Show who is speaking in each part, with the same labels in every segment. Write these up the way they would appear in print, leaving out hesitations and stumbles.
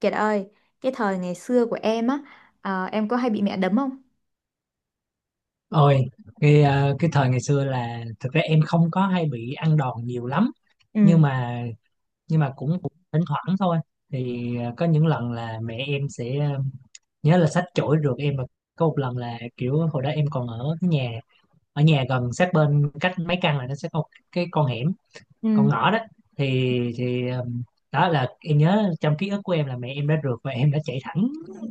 Speaker 1: Kiệt ơi, cái thời ngày xưa của em á, à, em có hay bị mẹ đấm không?
Speaker 2: Ôi, cái thời ngày xưa là thực ra em không có hay bị ăn đòn nhiều lắm
Speaker 1: Ừ,
Speaker 2: nhưng mà nhưng mà cũng cũng thỉnh thoảng thôi. Có những lần là mẹ em sẽ, nhớ là xách chổi rượt em. Và có một lần là kiểu hồi đó em còn ở cái nhà, ở nhà gần sát bên cách mấy căn, là nó sẽ có một cái con hẻm, con
Speaker 1: ừ,
Speaker 2: ngõ đó. Thì thì Đó là em nhớ, trong ký ức của em là mẹ em đã rượt và em đã chạy thẳng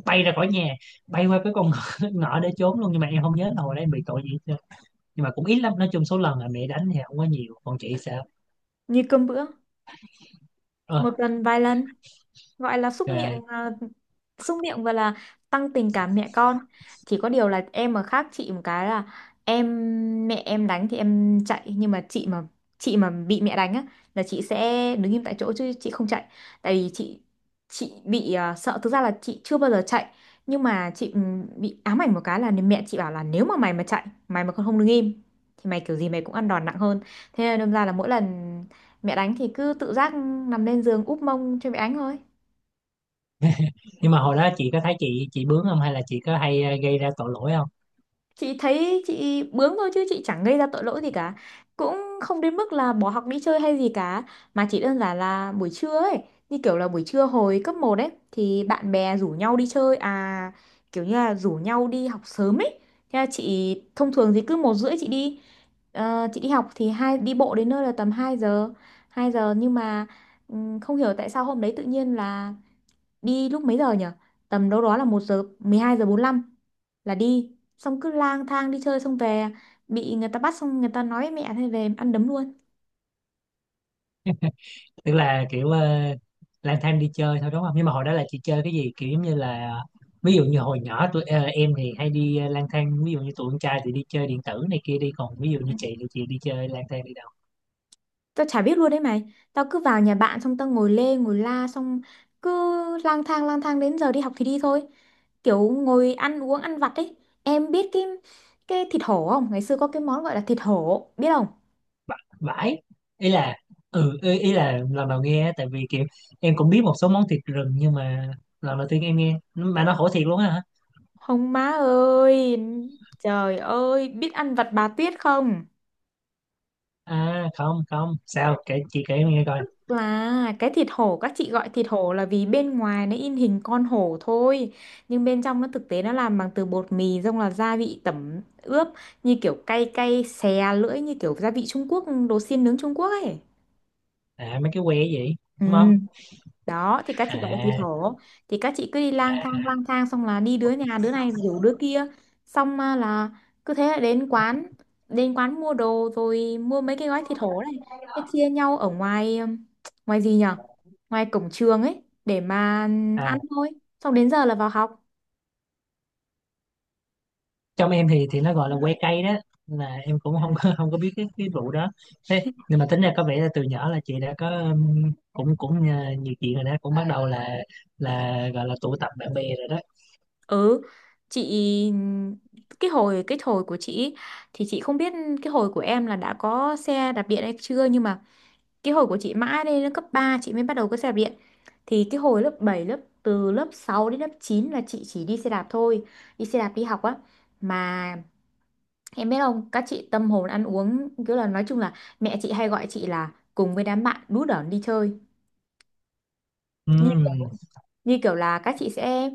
Speaker 2: bay ra khỏi nhà, bay qua cái con ngõ, ngõ để trốn luôn, nhưng mà em không nhớ là hồi đó em bị tội gì. Nhưng mà cũng ít lắm, nói chung số lần là mẹ đánh thì không có nhiều, còn chị sẽ
Speaker 1: như cơm bữa,
Speaker 2: ơ
Speaker 1: một lần vài lần. Gọi là xúc
Speaker 2: trời
Speaker 1: miệng
Speaker 2: ơi.
Speaker 1: à, xúc miệng và là tăng tình cảm mẹ con. Chỉ có điều là em mà khác chị một cái là em mẹ em đánh thì em chạy, nhưng mà chị mà bị mẹ đánh á là chị sẽ đứng im tại chỗ chứ chị không chạy. Tại vì chị bị sợ, thực ra là chị chưa bao giờ chạy. Nhưng mà chị bị ám ảnh một cái là mẹ chị bảo là nếu mà mày mà chạy, mày mà còn không đứng im thì mày kiểu gì mày cũng ăn đòn nặng hơn. Thế nên đâm ra là mỗi lần mẹ đánh thì cứ tự giác nằm lên giường úp mông cho mẹ đánh thôi.
Speaker 2: Nhưng mà hồi đó chị có thấy chị bướng không, hay là chị có hay, gây ra tội lỗi không?
Speaker 1: Chị thấy chị bướng thôi chứ chị chẳng gây ra tội lỗi gì cả, cũng không đến mức là bỏ học đi chơi hay gì cả. Mà chỉ đơn giản là buổi trưa ấy, như kiểu là buổi trưa hồi cấp một ấy thì bạn bè rủ nhau đi chơi à, kiểu như là rủ nhau đi học sớm ấy. Thế là chị thông thường thì cứ 1 rưỡi chị đi, chị đi học thì hai đi bộ đến nơi là tầm 2 giờ. 2 giờ nhưng mà không hiểu tại sao hôm đấy tự nhiên là đi lúc mấy giờ nhỉ, tầm đâu đó là 1 giờ, 12 giờ 45 là đi. Xong cứ lang thang đi chơi, xong về bị người ta bắt, xong người ta nói với mẹ, thế về ăn đấm luôn.
Speaker 2: Tức là kiểu, lang thang đi chơi thôi đúng không, nhưng mà hồi đó là chị chơi cái gì, kiểu giống như là ví dụ như hồi nhỏ tụi em thì hay đi, lang thang, ví dụ như tụi con trai thì đi chơi điện tử này kia đi, còn ví dụ như
Speaker 1: Ừ.
Speaker 2: chị thì chị đi chơi lang thang đi đâu,
Speaker 1: Tao chả biết luôn đấy mày, tao cứ vào nhà bạn xong tao ngồi lê ngồi la, xong cứ lang thang đến giờ đi học thì đi thôi, kiểu ngồi ăn uống ăn vặt ấy. Em biết cái thịt hổ không, ngày xưa có cái món gọi là thịt hổ biết không?
Speaker 2: bãi ý là ừ ý là lần đầu nghe á, tại vì kiểu em cũng biết một số món thịt rừng, nhưng mà lần đầu tiên em nghe mà nó khổ thiệt luôn á hả.
Speaker 1: Không má ơi, trời ơi, biết ăn vặt bà Tuyết không?
Speaker 2: À không không, sao kể, chị kể em nghe coi.
Speaker 1: Là cái thịt hổ, các chị gọi thịt hổ là vì bên ngoài nó in hình con hổ thôi, nhưng bên trong nó thực tế nó làm bằng từ bột mì, xong là gia vị tẩm ướp như kiểu cay cay xè lưỡi, như kiểu gia vị Trung Quốc, đồ xiên nướng Trung Quốc ấy.
Speaker 2: À mấy cái que gì
Speaker 1: Ừ.
Speaker 2: đúng không.
Speaker 1: Đó thì các
Speaker 2: À,
Speaker 1: chị gọi là thủy thổ. Thì các chị cứ đi lang thang lang thang, xong là đi đứa nhà đứa này rủ đứa kia, xong là cứ thế là đến quán. Đến quán mua đồ rồi mua mấy cái gói thịt hổ này, thế chia nhau ở ngoài, ngoài gì nhở, ngoài cổng trường ấy để mà ăn
Speaker 2: à
Speaker 1: thôi. Xong đến giờ là vào học.
Speaker 2: trong em thì nó gọi là que cây đó, là em cũng không có biết cái vụ đó. Thế
Speaker 1: Thế-
Speaker 2: nhưng mà tính ra có vẻ là từ nhỏ là chị đã có, cũng cũng nhiều chuyện rồi đó, cũng bắt đầu là gọi là tụ tập bạn bè rồi đó.
Speaker 1: ừ, chị cái hồi của chị ý, thì chị không biết cái hồi của em là đã có xe đạp điện hay chưa, nhưng mà cái hồi của chị mãi lên đến cấp 3 chị mới bắt đầu có xe đạp điện. Thì cái hồi lớp 7, lớp từ lớp 6 đến lớp 9 là chị chỉ đi xe đạp thôi, đi xe đạp đi học á. Mà em biết không, các chị tâm hồn ăn uống kiểu là nói chung là mẹ chị hay gọi chị là cùng với đám bạn đú đởn đi chơi. Như
Speaker 2: Ừ
Speaker 1: kiểu, như kiểu là các chị sẽ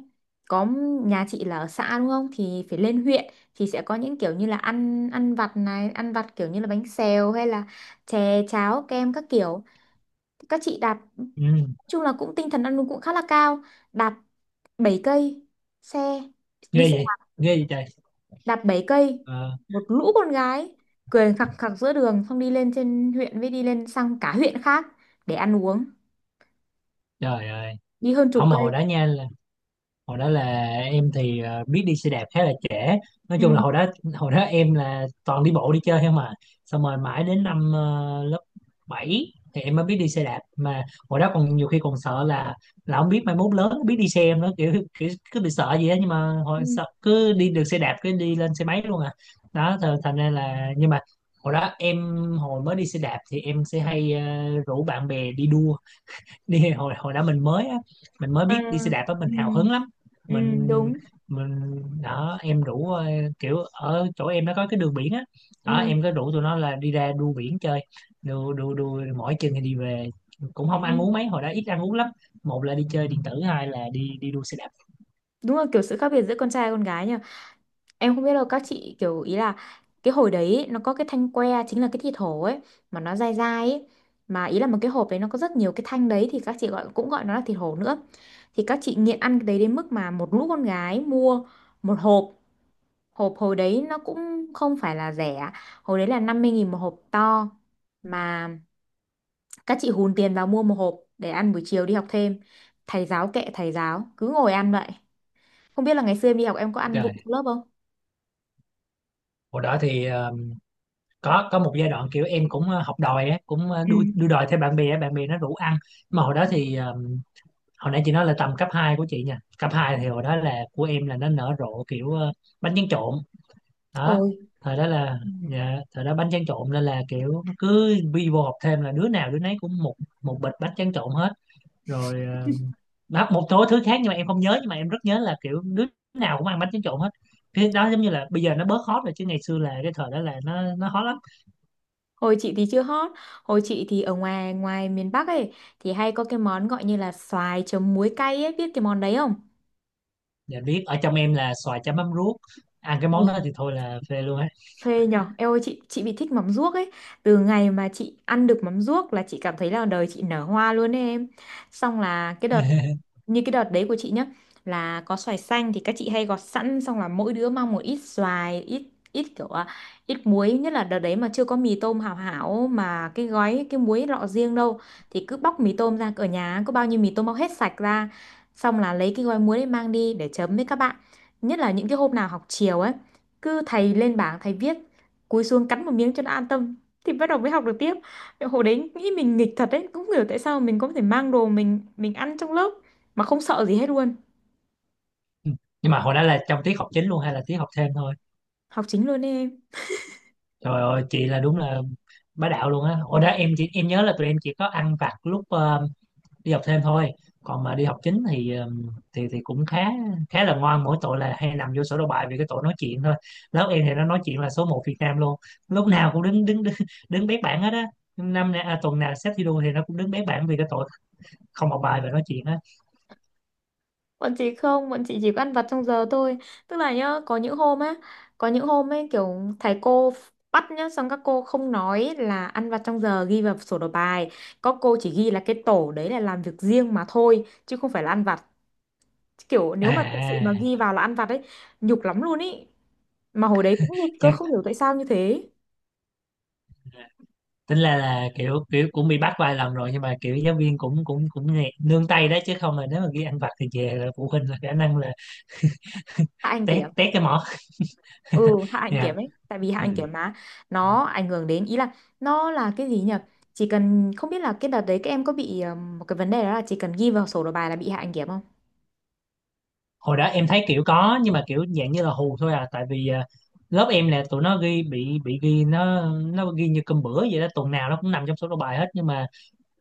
Speaker 1: có, nhà chị là ở xã đúng không, thì phải lên huyện thì sẽ có những kiểu như là ăn ăn vặt này, ăn vặt kiểu như là bánh xèo hay là chè cháo kem các kiểu. Các chị đạp, nói
Speaker 2: ừ,
Speaker 1: chung là cũng tinh thần ăn uống cũng khá là cao. Đạp 7 cây xe,
Speaker 2: ghê
Speaker 1: đi xe
Speaker 2: vậy,
Speaker 1: đạp,
Speaker 2: ghê vậy trời.
Speaker 1: đạp 7 cây,
Speaker 2: Ờ,
Speaker 1: một lũ con gái cười khặc khặc giữa đường, xong đi lên trên huyện với đi lên sang cả huyện khác để ăn uống,
Speaker 2: trời ơi.
Speaker 1: đi hơn chục
Speaker 2: Không mà hồi
Speaker 1: cây.
Speaker 2: đó nha, hồi đó là em thì, biết đi xe đạp khá là trễ. Nói chung là
Speaker 1: Ừ.
Speaker 2: hồi đó, hồi đó em là toàn đi bộ đi chơi không mà, xong rồi mãi đến năm, lớp 7 thì em mới biết đi xe đạp. Mà hồi đó còn nhiều khi còn sợ là không biết mai mốt lớn biết đi xe em nữa, kiểu, kiểu cứ bị sợ gì á. Nhưng mà hồi
Speaker 1: Ừ.
Speaker 2: sợ cứ đi được xe đạp cứ đi lên xe máy luôn à. Đó thành ra là, nhưng mà hồi đó em hồi mới đi xe đạp thì em sẽ hay, rủ bạn bè đi đua đi. Hồi hồi đó mình mới á, mình mới
Speaker 1: Ừ.
Speaker 2: biết đi xe đạp á, mình
Speaker 1: Ừ,
Speaker 2: hào hứng lắm.
Speaker 1: ừ,
Speaker 2: mình
Speaker 1: đúng.
Speaker 2: mình đó, em rủ, kiểu ở chỗ em nó có cái đường biển á, đó
Speaker 1: Ừ.
Speaker 2: em có rủ tụi nó là đi ra đu biển chơi, đu đu đu mỗi chừng thì đi về. Cũng không ăn
Speaker 1: Ừ.
Speaker 2: uống mấy, hồi đó ít ăn uống lắm. Một là đi chơi điện tử, hai là đi đi đua xe đạp.
Speaker 1: Đúng là kiểu sự khác biệt giữa con trai và con gái nhỉ. Em không biết đâu, các chị kiểu ý là cái hồi đấy ấy, nó có cái thanh que chính là cái thịt hổ ấy, mà nó dai dai ấy. Mà ý là một cái hộp đấy nó có rất nhiều cái thanh đấy thì các chị gọi cũng gọi nó là thịt hổ nữa. Thì các chị nghiện ăn cái đấy đến mức mà một lũ con gái mua một hộp. Hộp hồi đấy nó cũng không phải là rẻ, hồi đấy là 50.000 một hộp to. Mà các chị hùn tiền vào mua một hộp để ăn buổi chiều đi học thêm. Thầy giáo kệ thầy giáo cứ ngồi ăn vậy. Không biết là ngày xưa em đi học em có ăn
Speaker 2: Rồi,
Speaker 1: vụng lớp không?
Speaker 2: hồi đó thì, có một giai đoạn kiểu em cũng, học đòi á, cũng,
Speaker 1: Ừ.
Speaker 2: đua đua đòi theo bạn bè á, bạn bè nó rủ ăn. Mà hồi đó thì, hồi nãy chị nói là tầm cấp 2 của chị nha, cấp 2 thì hồi đó là của em là nó nở rộ kiểu, bánh tráng trộn đó.
Speaker 1: Ôi.
Speaker 2: Thời đó là dạ, thời đó bánh tráng trộn, nên là kiểu nó cứ vi vô học thêm là đứa nào đứa nấy cũng một một bịch bánh tráng trộn hết. Rồi, đó, một số thứ khác nhưng mà em không nhớ, nhưng mà em rất nhớ là kiểu đứa nào cũng ăn bánh tráng trộn hết. Cái đó giống như là bây giờ nó bớt hot rồi, chứ ngày xưa là cái thời đó là nó hot lắm.
Speaker 1: Hồi chị thì chưa hot. Hồi chị thì ở ngoài, ngoài miền Bắc ấy thì hay có cái món gọi như là xoài chấm muối cay ấy, biết cái món đấy không?
Speaker 2: Dạ biết, ở trong em là xoài chấm mắm ruốc, ăn cái món đó thì thôi là phê luôn á.
Speaker 1: Phê nhở. Em ơi, chị bị thích mắm ruốc ấy. Từ ngày mà chị ăn được mắm ruốc là chị cảm thấy là đời chị nở hoa luôn ấy em. Xong là cái đợt, như cái đợt đấy của chị nhá, là có xoài xanh thì các chị hay gọt sẵn. Xong là mỗi đứa mang một ít xoài, ít ít kiểu à, ít muối. Nhất là đợt đấy mà chưa có mì tôm hảo hảo, mà cái gói cái muối lọ riêng đâu. Thì cứ bóc mì tôm ra, ở nhà có bao nhiêu mì tôm bóc hết sạch ra. Xong là lấy cái gói muối đấy mang đi để chấm với các bạn. Nhất là những cái hôm nào học chiều ấy, cứ thầy lên bảng thầy viết, cúi xuống cắn một miếng cho nó an tâm thì bắt đầu mới học được tiếp. Hồi đấy nghĩ mình nghịch thật đấy, cũng không hiểu tại sao mình có thể mang đồ mình ăn trong lớp mà không sợ gì hết luôn.
Speaker 2: Nhưng mà hồi đó là trong tiết học chính luôn hay là tiết học thêm thôi?
Speaker 1: Học chính luôn đấy em.
Speaker 2: Trời ơi chị là đúng là bá đạo luôn á. Hồi đó em chỉ, em nhớ là tụi em chỉ có ăn vặt lúc, đi học thêm thôi, còn mà đi học chính thì, thì cũng khá, khá là ngoan, mỗi tội là hay nằm vô sổ đầu bài vì cái tội nói chuyện thôi. Lớp em thì nó nói chuyện là số một Việt Nam luôn, lúc nào cũng đứng bét bảng hết á. Năm nay à, tuần nào xếp thi đua thì nó cũng đứng bét bảng vì cái tội không học bài và nói chuyện á.
Speaker 1: Bọn chị không, bọn chị chỉ có ăn vặt trong giờ thôi. Tức là nhá, có những hôm á, có những hôm ấy kiểu thầy cô bắt nhá, xong các cô không nói là ăn vặt trong giờ ghi vào sổ đầu bài. Có cô chỉ ghi là cái tổ đấy là làm việc riêng mà thôi chứ không phải là ăn vặt. Kiểu nếu mà thực sự
Speaker 2: À,
Speaker 1: mà ghi vào là ăn vặt ấy, nhục lắm luôn ý. Mà hồi đấy cũng nghịch cơ, không hiểu tại sao như thế.
Speaker 2: tính là kiểu kiểu cũng bị bắt vài lần rồi, nhưng mà kiểu giáo viên cũng cũng cũng nương tay đó, chứ không là nếu mà ghi ăn vặt thì về là phụ huynh là khả năng là
Speaker 1: Hạ anh
Speaker 2: tét
Speaker 1: kiểm.
Speaker 2: tét cái mỏ.
Speaker 1: Ừ, hạ anh
Speaker 2: Dạ.
Speaker 1: kiểm ấy, tại vì hạ
Speaker 2: Ừ.
Speaker 1: anh kiểm mà, nó ảnh hưởng đến ý là, nó là cái gì nhỉ, chỉ cần không biết là cái đợt đấy các em có bị một cái vấn đề đó là chỉ cần ghi vào sổ đầu bài là bị hạ anh kiểm không?
Speaker 2: Hồi đó em thấy kiểu có, nhưng mà kiểu dạng như là hù thôi à, tại vì à, lớp em là tụi nó ghi bị ghi nó ghi như cơm bữa vậy đó, tuần nào nó cũng nằm trong số đầu bài hết. Nhưng mà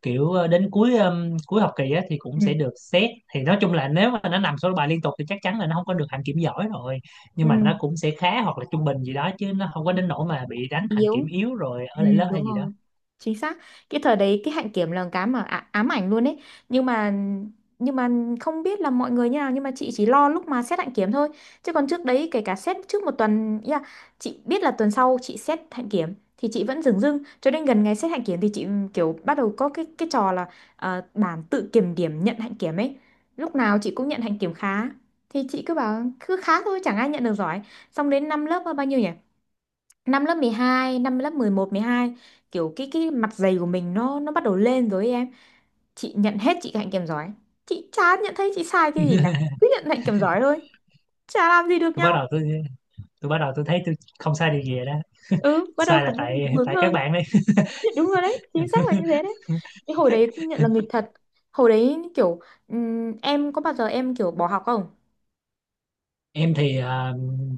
Speaker 2: kiểu ờ, đến cuối, cuối học kỳ á, thì
Speaker 1: Ừ.
Speaker 2: cũng sẽ được xét, thì nói chung là nếu mà nó nằm số bài liên tục thì chắc chắn là nó không có được hạnh kiểm giỏi rồi. Nhưng mà
Speaker 1: Ừ.
Speaker 2: nó cũng sẽ khá hoặc là trung bình gì đó, chứ nó không có đến nỗi mà bị đánh hạnh kiểm
Speaker 1: Yếu.
Speaker 2: yếu rồi
Speaker 1: Ừ,
Speaker 2: ở lại lớp
Speaker 1: đúng
Speaker 2: hay gì đó.
Speaker 1: rồi, chính xác. Cái thời đấy cái hạnh kiểm là cái mà ám ảnh luôn ấy. Nhưng mà nhưng mà không biết là mọi người như nào, nhưng mà chị chỉ lo lúc mà xét hạnh kiểm thôi, chứ còn trước đấy kể cả xét trước 1 tuần ý là chị biết là tuần sau chị xét hạnh kiểm thì chị vẫn dửng dưng cho đến gần ngày xét hạnh kiểm thì chị kiểu bắt đầu có cái trò là bản tự kiểm điểm nhận hạnh kiểm ấy. Lúc nào chị cũng nhận hạnh kiểm khá, thì chị cứ bảo cứ khá thôi, chẳng ai nhận được giỏi. Xong đến năm lớp bao nhiêu nhỉ, năm lớp 12, năm lớp 11 12, kiểu cái mặt dày của mình nó bắt đầu lên rồi ấy em. Chị nhận hết chị hạnh kèm giỏi. Chị chả nhận thấy chị sai cái gì cả. Cứ nhận hạnh kèm giỏi thôi. Chả làm gì được
Speaker 2: tôi bắt
Speaker 1: nhau.
Speaker 2: đầu tôi tôi bắt đầu tôi thấy tôi không sai điều gì rồi đó,
Speaker 1: Ừ, bắt đầu
Speaker 2: sai là
Speaker 1: cảm thấy mình
Speaker 2: tại
Speaker 1: bướng
Speaker 2: tại các
Speaker 1: hơn.
Speaker 2: bạn đấy.
Speaker 1: Đúng rồi đấy, chính xác là như thế đấy. Cái hồi đấy cũng nhận là nghịch thật. Hồi đấy kiểu em có bao giờ em kiểu bỏ học không?
Speaker 2: Em thì à,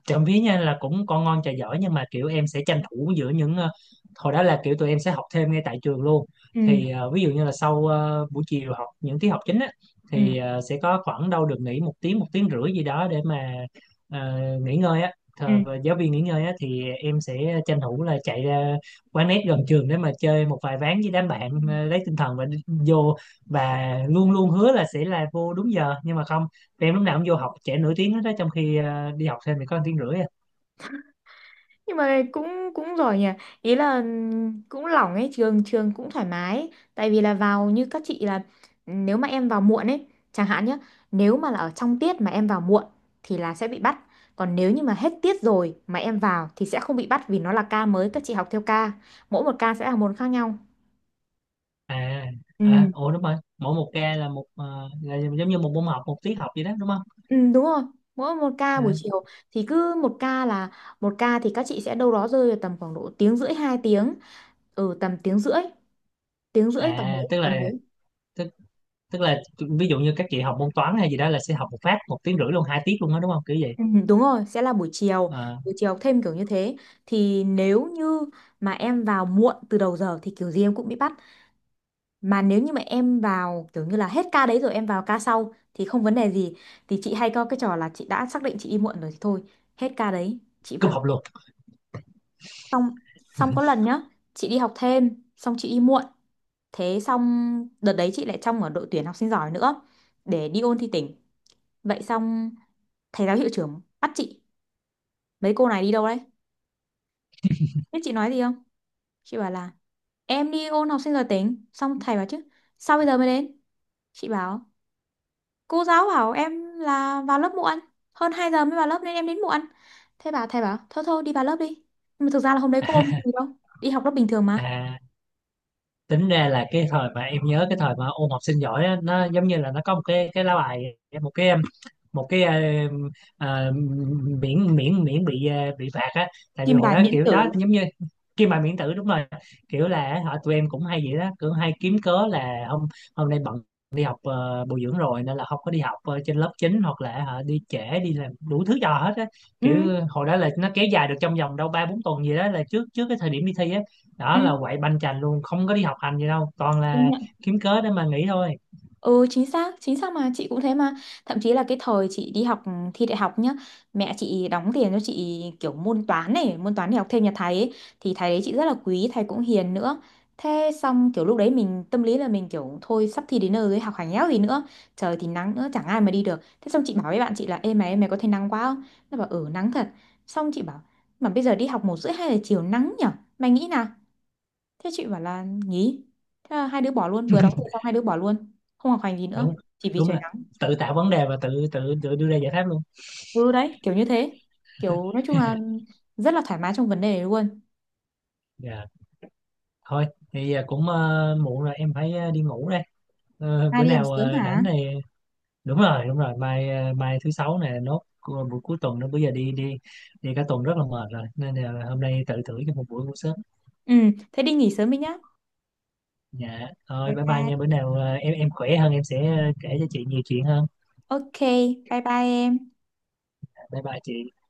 Speaker 2: trộm vía nha là cũng con ngon trò giỏi, nhưng mà kiểu em sẽ tranh thủ giữa những, hồi đó là kiểu tụi em sẽ học thêm ngay tại trường luôn.
Speaker 1: Ừ,
Speaker 2: Thì ờ, ví dụ như là sau, buổi chiều học những tiết học chính á,
Speaker 1: ừ,
Speaker 2: thì ờ, sẽ có khoảng đâu được nghỉ một tiếng, một tiếng rưỡi gì đó để mà, ờ, nghỉ ngơi á. Và giáo viên nghỉ ngơi á, thì em sẽ tranh thủ là chạy ra quán net gần trường để mà chơi một vài ván với đám bạn,
Speaker 1: ừ.
Speaker 2: lấy tinh thần và vô. Và luôn luôn hứa là sẽ là vô đúng giờ, nhưng mà không, em lúc nào cũng vô học trễ nửa tiếng hết đó, trong khi đi học thêm thì có một tiếng rưỡi à.
Speaker 1: Nhưng mà cũng cũng giỏi nhỉ, ý là cũng lỏng ấy, trường trường cũng thoải mái ấy. Tại vì là vào như các chị là nếu mà em vào muộn ấy, chẳng hạn nhé, nếu mà là ở trong tiết mà em vào muộn thì là sẽ bị bắt. Còn nếu như mà hết tiết rồi mà em vào thì sẽ không bị bắt vì nó là ca mới, các chị học theo ca, mỗi một ca sẽ là một khác nhau.
Speaker 2: À, à
Speaker 1: Ừ,
Speaker 2: ủa đúng rồi, mỗi một ca là một, là giống như một môn học, một tiết học vậy đó đúng không.
Speaker 1: ừ đúng rồi. Mỗi một ca buổi
Speaker 2: À,
Speaker 1: chiều thì cứ một ca là, một ca thì các chị sẽ đâu đó rơi vào tầm khoảng độ tiếng rưỡi 2 tiếng. Ừ, tầm tiếng rưỡi, tiếng rưỡi tầm
Speaker 2: à
Speaker 1: đấy tầm đấy.
Speaker 2: tức, tức là ví dụ như các chị học môn toán hay gì đó là sẽ học một phát một tiếng rưỡi luôn, hai tiết luôn đó đúng không, kiểu vậy.
Speaker 1: Ừ, đúng rồi, sẽ là
Speaker 2: À,
Speaker 1: buổi chiều thêm kiểu như thế. Thì nếu như mà em vào muộn từ đầu giờ thì kiểu gì em cũng bị bắt. Mà nếu như mà em vào kiểu như là hết ca đấy rồi em vào ca sau thì không vấn đề gì. Thì chị hay có cái trò là chị đã xác định chị đi muộn rồi thì thôi, hết ca đấy, chị
Speaker 2: cúp
Speaker 1: vào.
Speaker 2: học luôn.
Speaker 1: Xong, xong có lần nhá, chị đi học thêm, xong chị đi muộn. Thế xong đợt đấy chị lại trong ở đội tuyển học sinh giỏi nữa để đi ôn thi tỉnh. Vậy xong thầy giáo hiệu trưởng bắt chị, mấy cô này đi đâu đấy? Biết chị nói gì không? Chị bảo là em đi ôn học sinh giỏi tính. Xong thầy bảo chứ sao bây giờ mới đến? Chị bảo cô giáo bảo em là vào lớp muộn. Hơn 2 giờ mới vào lớp nên em đến muộn. Thế bà thầy bảo thôi thôi đi vào lớp đi. Nhưng mà thực ra là hôm đấy có ôn gì đâu. Đi học lớp bình thường mà.
Speaker 2: À tính ra là cái thời mà em nhớ, cái thời mà ôn học sinh giỏi á, nó giống như là nó có một cái lá bài, một cái một cái ờ, ờ, miễn miễn miễn bị, bị phạt á. Tại vì
Speaker 1: Kim
Speaker 2: hồi
Speaker 1: bài
Speaker 2: đó
Speaker 1: miễn
Speaker 2: kiểu đó
Speaker 1: tử.
Speaker 2: giống như khi mà miễn tử đúng rồi, kiểu là họ tụi em cũng hay vậy đó, cứ hay kiếm cớ là hôm hôm nay bận đi học, bồi dưỡng rồi, nên là không có đi học, trên lớp chính, hoặc là họ đi trễ, đi làm đủ thứ trò hết á,
Speaker 1: Ừ.
Speaker 2: kiểu hồi đó là nó kéo dài được trong vòng đâu ba bốn tuần gì đó là trước trước cái thời điểm đi thi á, đó
Speaker 1: Ừ.
Speaker 2: là quậy banh chành luôn, không có đi học hành gì đâu, toàn là
Speaker 1: Đúng.
Speaker 2: kiếm cớ để mà nghỉ thôi.
Speaker 1: Ừ, chính xác, chính xác, mà chị cũng thế mà. Thậm chí là cái thời chị đi học thi đại học nhá. Mẹ chị đóng tiền cho chị kiểu môn toán này, môn toán để học thêm nhà thầy ấy. Thì thầy đấy chị rất là quý, thầy cũng hiền nữa. Thế xong kiểu lúc đấy mình tâm lý là mình kiểu, thôi sắp thi đến nơi rồi học hành éo gì nữa, trời thì nắng nữa chẳng ai mà đi được. Thế xong chị bảo với bạn chị là, ê mày, mày có thấy nắng quá không? Nó bảo ừ nắng thật. Xong chị bảo mà bây giờ đi học 1 rưỡi 2 giờ chiều nắng nhở, mày nghĩ nào? Thế chị bảo là nghỉ. Thế là hai đứa bỏ luôn, vừa đóng tiền xong hai đứa bỏ luôn. Không học hành gì nữa,
Speaker 2: Đúng,
Speaker 1: chỉ vì
Speaker 2: đúng
Speaker 1: trời
Speaker 2: là
Speaker 1: nắng.
Speaker 2: tự tạo vấn đề và tự tự tự đưa ra giải pháp luôn.
Speaker 1: Ừ đấy, kiểu như thế. Kiểu nói chung là rất là thoải mái trong vấn đề này luôn.
Speaker 2: Dạ thôi thì à, cũng, muộn rồi, em phải, đi ngủ đây. Ờ,
Speaker 1: Hai
Speaker 2: bữa
Speaker 1: đi em
Speaker 2: nào
Speaker 1: sớm
Speaker 2: ờ, rảnh
Speaker 1: hả?
Speaker 2: này. Đúng rồi mai, mai thứ sáu này nốt, buổi cuối tuần nữa, bây giờ đi đi đi cả tuần rất là mệt rồi, nên là hôm nay tự thử cho một buổi ngủ sớm.
Speaker 1: Ừ, thế đi nghỉ sớm đi nhá.
Speaker 2: Dạ thôi,
Speaker 1: Bye
Speaker 2: bye bye
Speaker 1: bye.
Speaker 2: nha, bữa nào, em khỏe hơn em sẽ, kể cho chị nhiều chuyện hơn.
Speaker 1: Ok, bye bye em.
Speaker 2: Dạ, bye bye chị.